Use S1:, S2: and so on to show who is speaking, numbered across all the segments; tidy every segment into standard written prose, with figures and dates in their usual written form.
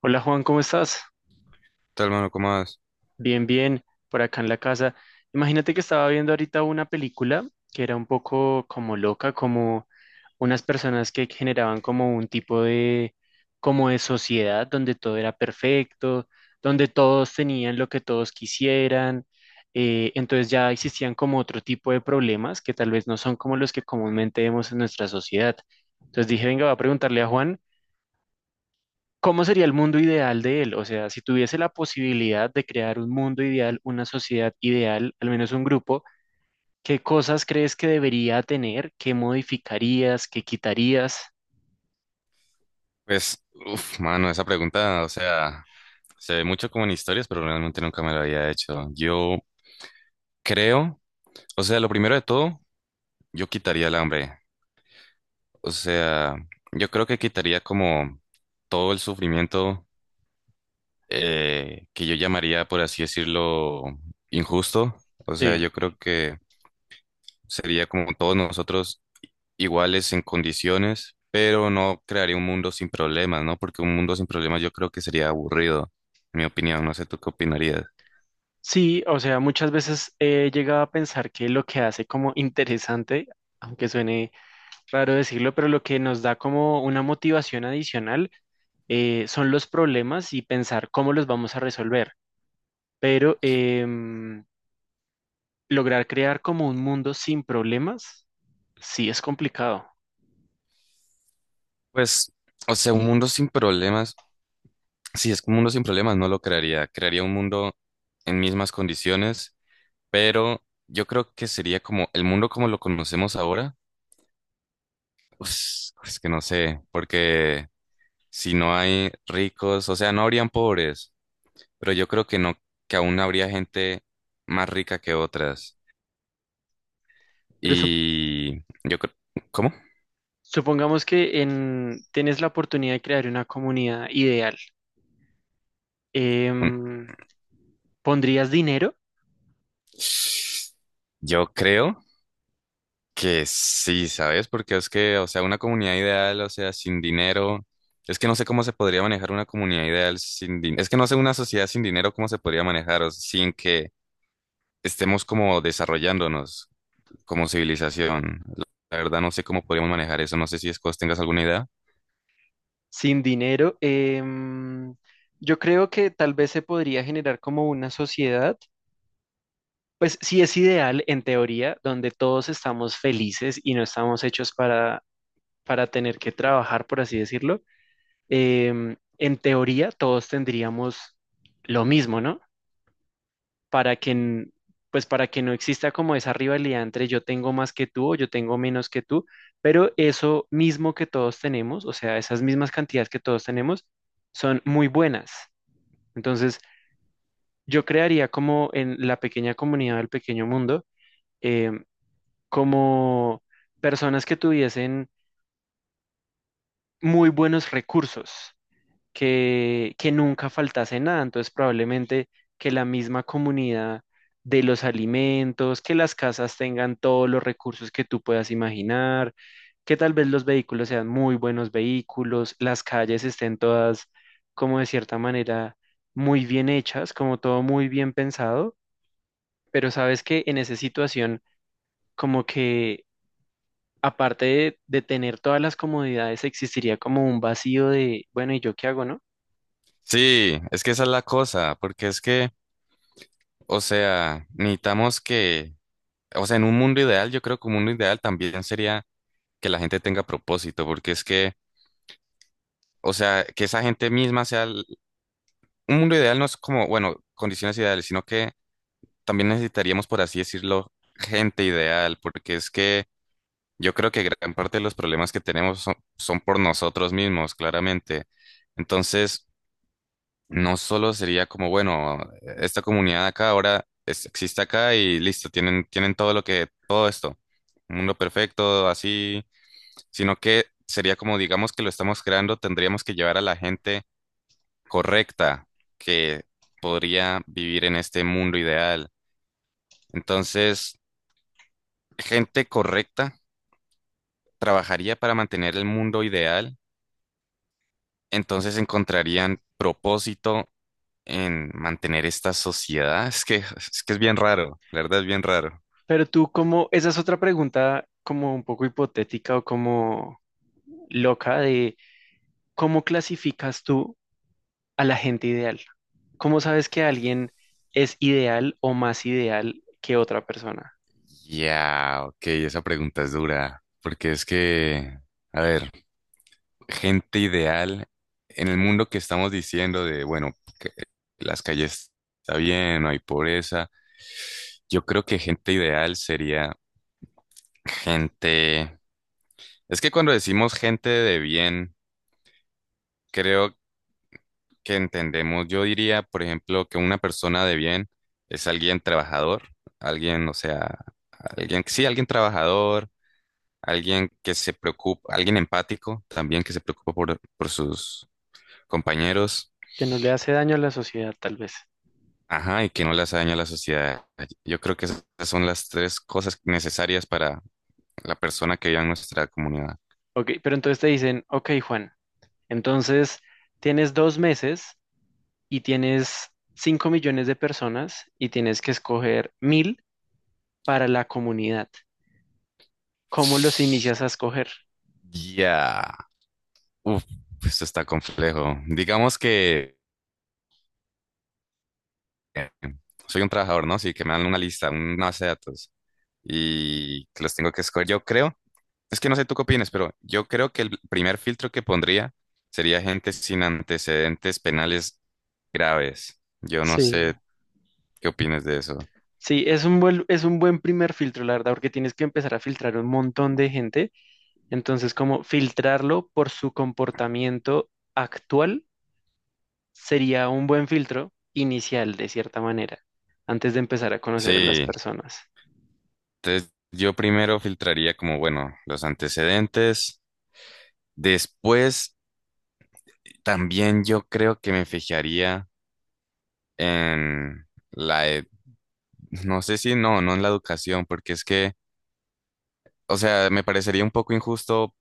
S1: Hola Juan, ¿cómo estás?
S2: Tal, mano? ¿Cómo vas?
S1: Bien, bien, por acá en la casa. Imagínate que estaba viendo ahorita una película que era un poco como loca, como unas personas que generaban como un tipo de, como de sociedad donde todo era perfecto, donde todos tenían lo que todos quisieran. Entonces ya existían como otro tipo de problemas que tal vez no son como los que comúnmente vemos en nuestra sociedad. Entonces dije, venga, voy a preguntarle a Juan, ¿cómo sería el mundo ideal de él? O sea, si tuviese la posibilidad de crear un mundo ideal, una sociedad ideal, al menos un grupo, ¿qué cosas crees que debería tener? ¿Qué modificarías? ¿Qué quitarías?
S2: Pues, mano, esa pregunta, o sea, se ve mucho como en historias, pero realmente nunca me la había hecho. Yo creo, o sea, lo primero de todo, yo quitaría el hambre. O sea, yo creo que quitaría como todo el sufrimiento que yo llamaría, por así decirlo, injusto. O sea,
S1: Sí.
S2: yo creo que sería como todos nosotros iguales en condiciones, pero no crearía un mundo sin problemas, ¿no? Porque un mundo sin problemas yo creo que sería aburrido, en mi opinión. No sé tú qué opinarías.
S1: Sí, o sea, muchas veces he llegado a pensar que lo que hace como interesante, aunque suene raro decirlo, pero lo que nos da como una motivación adicional son los problemas y pensar cómo los vamos a resolver. Pero lograr crear como un mundo sin problemas. Sí, es complicado,
S2: Pues, o sea, un mundo sin problemas, si es que un mundo sin problemas, no lo crearía. Crearía un mundo en mismas condiciones, pero yo creo que sería como el mundo como lo conocemos ahora. Pues, es que no sé, porque si no hay ricos, o sea, no habrían pobres, pero yo creo que no, que aún habría gente más rica que otras.
S1: pero
S2: Y yo creo, ¿cómo?
S1: supongamos que en, tienes la oportunidad de crear una comunidad ideal.
S2: Mm.
S1: Em, ¿Pondrías dinero?
S2: Yo creo que sí, ¿sabes? Porque es que, o sea, una comunidad ideal, o sea, sin dinero, es que no sé cómo se podría manejar una comunidad ideal sin dinero. Es que no sé una sociedad sin dinero cómo se podría manejar, o sea, sin que estemos como desarrollándonos como civilización. La verdad, no sé cómo podríamos manejar eso. No sé si Escos tengas alguna idea.
S1: Sin dinero, yo creo que tal vez se podría generar como una sociedad, pues sí es ideal en teoría, donde todos estamos felices y no estamos hechos para tener que trabajar, por así decirlo. En teoría, todos tendríamos lo mismo, ¿no? Para que, pues para que no exista como esa rivalidad entre yo tengo más que tú o yo tengo menos que tú, pero eso mismo que todos tenemos, o sea, esas mismas cantidades que todos tenemos, son muy buenas. Entonces, yo crearía como en la pequeña comunidad del pequeño mundo, em, como personas que tuviesen muy buenos recursos. Que nunca faltase nada. Entonces, probablemente que la misma comunidad de los alimentos, que las casas tengan todos los recursos que tú puedas imaginar, que tal vez los vehículos sean muy buenos vehículos, las calles estén todas como de cierta manera muy bien hechas, como todo muy bien pensado, pero sabes que en esa situación como que aparte de tener todas las comodidades existiría como un vacío de, bueno, ¿y yo qué hago, no?
S2: Sí, es que esa es la cosa, porque es que, o sea, necesitamos que... O sea, en un mundo ideal, yo creo que un mundo ideal también sería que la gente tenga propósito, porque es que, o sea, que esa gente misma sea... Un mundo ideal no es como, bueno, condiciones ideales, sino que también necesitaríamos, por así decirlo, gente ideal, porque es que yo creo que gran parte de los problemas que tenemos son por nosotros mismos, claramente. Entonces, no solo sería como, bueno, esta comunidad acá ahora existe acá y listo, tienen todo lo que, todo esto. Un mundo perfecto, así, sino que sería como, digamos que lo estamos creando, tendríamos que llevar a la gente correcta que podría vivir en este mundo ideal. Entonces, gente correcta trabajaría para mantener el mundo ideal, entonces encontrarían propósito en mantener esta sociedad. Es que es bien raro, la verdad, es bien raro.
S1: Pero tú, como, esa es otra pregunta como un poco hipotética o como loca de cómo clasificas tú a la gente ideal. ¿Cómo sabes que alguien es ideal o más ideal que otra persona?
S2: Ya, ok, esa pregunta es dura, porque es que, a ver, gente ideal en el mundo que estamos diciendo de, bueno, que las calles está bien, no hay pobreza. Yo creo que gente ideal sería gente... Es que cuando decimos gente de bien, creo que entendemos, yo diría, por ejemplo, que una persona de bien es alguien trabajador, alguien, o sea, alguien, sí, alguien trabajador, alguien que se preocupa, alguien empático también que se preocupa por sus compañeros.
S1: Que no le hace daño a la sociedad, tal vez.
S2: Ajá, y que no las daña a la sociedad. Yo creo que esas son las tres cosas necesarias para la persona que vive en nuestra comunidad.
S1: Ok, pero entonces te dicen, ok, Juan, entonces tienes 2 meses y tienes 5 millones de personas y tienes que escoger 1000 para la comunidad. ¿Cómo los inicias a escoger?
S2: Ya. Uf, esto está complejo. Digamos que eh, soy un trabajador, ¿no? Sí, que me dan una lista, una base de datos y que los tengo que escoger. Yo creo, es que no sé tú qué opinas, pero yo creo que el primer filtro que pondría sería gente sin antecedentes penales graves. Yo no
S1: Sí,
S2: sé qué opinas de eso.
S1: sí, es un buen primer filtro, la verdad, porque tienes que empezar a filtrar un montón de gente. Entonces, como filtrarlo por su comportamiento actual sería un buen filtro inicial, de cierta manera, antes de empezar a conocer a las
S2: Sí.
S1: personas.
S2: Entonces, yo primero filtraría como, bueno, los antecedentes. Después, también yo creo que me fijaría en la, no sé si no, no en la educación, porque es que, o sea, me parecería un poco injusto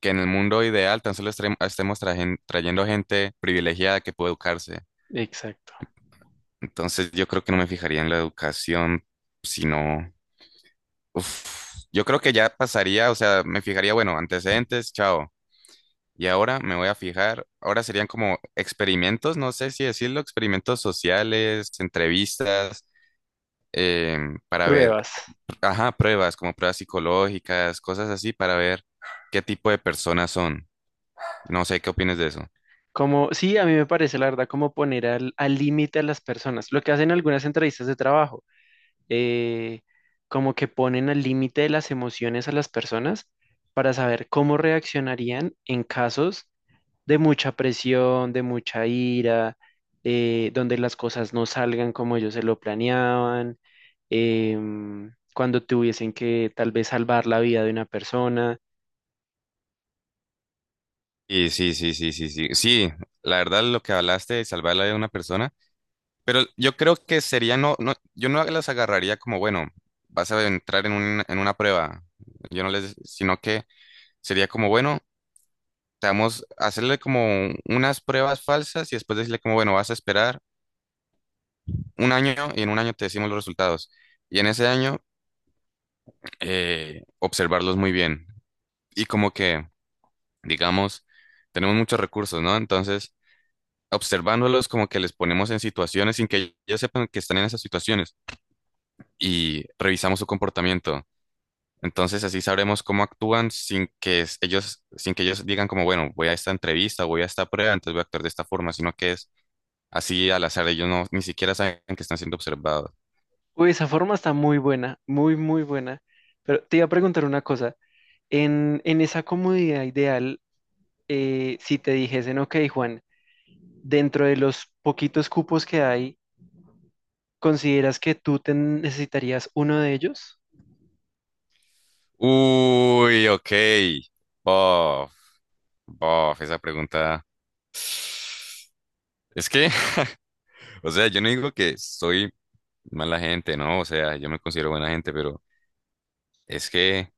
S2: que en el mundo ideal tan solo estemos trayendo gente privilegiada que puede educarse.
S1: Exacto.
S2: Entonces, yo creo que no me fijaría en la educación, sino, uf, yo creo que ya pasaría, o sea, me fijaría, bueno, antecedentes, chao. Y ahora me voy a fijar, ahora serían como experimentos, no sé si decirlo, experimentos sociales, entrevistas, para ver,
S1: Pruebas.
S2: ajá, pruebas, como pruebas psicológicas, cosas así, para ver qué tipo de personas son. No sé qué opinas de eso.
S1: Como, sí, a mí me parece, la verdad, como poner al límite a las personas, lo que hacen algunas entrevistas de trabajo. eh, Como que ponen al límite de las emociones a las personas para saber cómo reaccionarían en casos de mucha presión, de mucha ira, donde las cosas no salgan como ellos se lo planeaban, cuando tuviesen que tal vez salvar la vida de una persona.
S2: Y sí, sí, sí, sí, sí. Sí, la verdad, lo que hablaste de salvar la vida de una persona, pero yo creo que sería no, no, yo no las agarraría como, bueno, vas a entrar en una prueba. Yo no les, sino que sería como, bueno, estamos hacerle como unas pruebas falsas y después decirle como, bueno, vas a esperar un año y en un año te decimos los resultados. Y en ese año, observarlos muy bien. Y como que, digamos, tenemos muchos recursos, ¿no? Entonces, observándolos como que les ponemos en situaciones sin que ellos sepan que están en esas situaciones y revisamos su comportamiento. Entonces, así sabremos cómo actúan sin que sin que ellos digan como, bueno, voy a esta entrevista, voy a esta prueba, entonces voy a actuar de esta forma, sino que es así, al azar, ellos no, ni siquiera saben que están siendo observados.
S1: Uy, esa forma está muy buena, muy, muy buena. Pero te iba a preguntar una cosa. En esa comodidad ideal, si te dijesen, ok, Juan, dentro de los poquitos cupos que hay, ¿consideras que tú te necesitarías uno de ellos?
S2: Uy, ok. Bof, bof, esa pregunta. Es que, o sea, yo no digo que soy mala gente, ¿no? O sea, yo me considero buena gente, pero es que,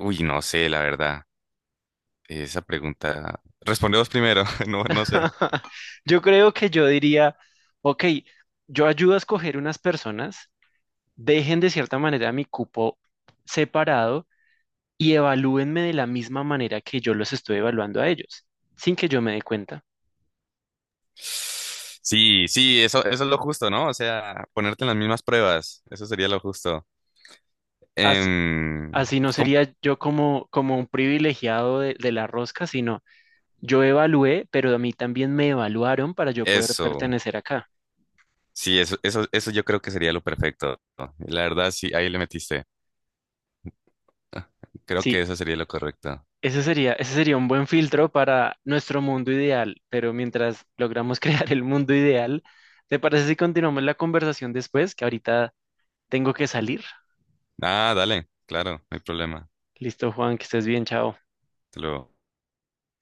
S2: uy, no sé, la verdad. Esa pregunta. Respondemos primero, no, no sé.
S1: Yo creo que yo diría, ok, yo ayudo a escoger unas personas, dejen de cierta manera mi cupo separado y evalúenme de la misma manera que yo los estoy evaluando a ellos, sin que yo me dé cuenta.
S2: Sí, sí, eso es lo justo, ¿no? O sea, ponerte en las mismas pruebas, eso sería lo justo.
S1: As-
S2: Em,
S1: Así, no
S2: ¿Cómo?
S1: sería yo como, como un privilegiado de la rosca, sino yo evalué, pero a mí también me evaluaron para yo poder
S2: Eso.
S1: pertenecer acá.
S2: Sí, eso yo creo que sería lo perfecto, ¿no? La verdad, sí, ahí le metiste. Creo que
S1: Sí,
S2: eso sería lo correcto.
S1: ese sería, ese sería un buen filtro para nuestro mundo ideal, pero mientras logramos crear el mundo ideal, ¿te parece si continuamos la conversación después? Que ahorita tengo que salir.
S2: Ah, dale, claro, no hay problema.
S1: Listo, Juan, que estés bien, chao.
S2: Te lo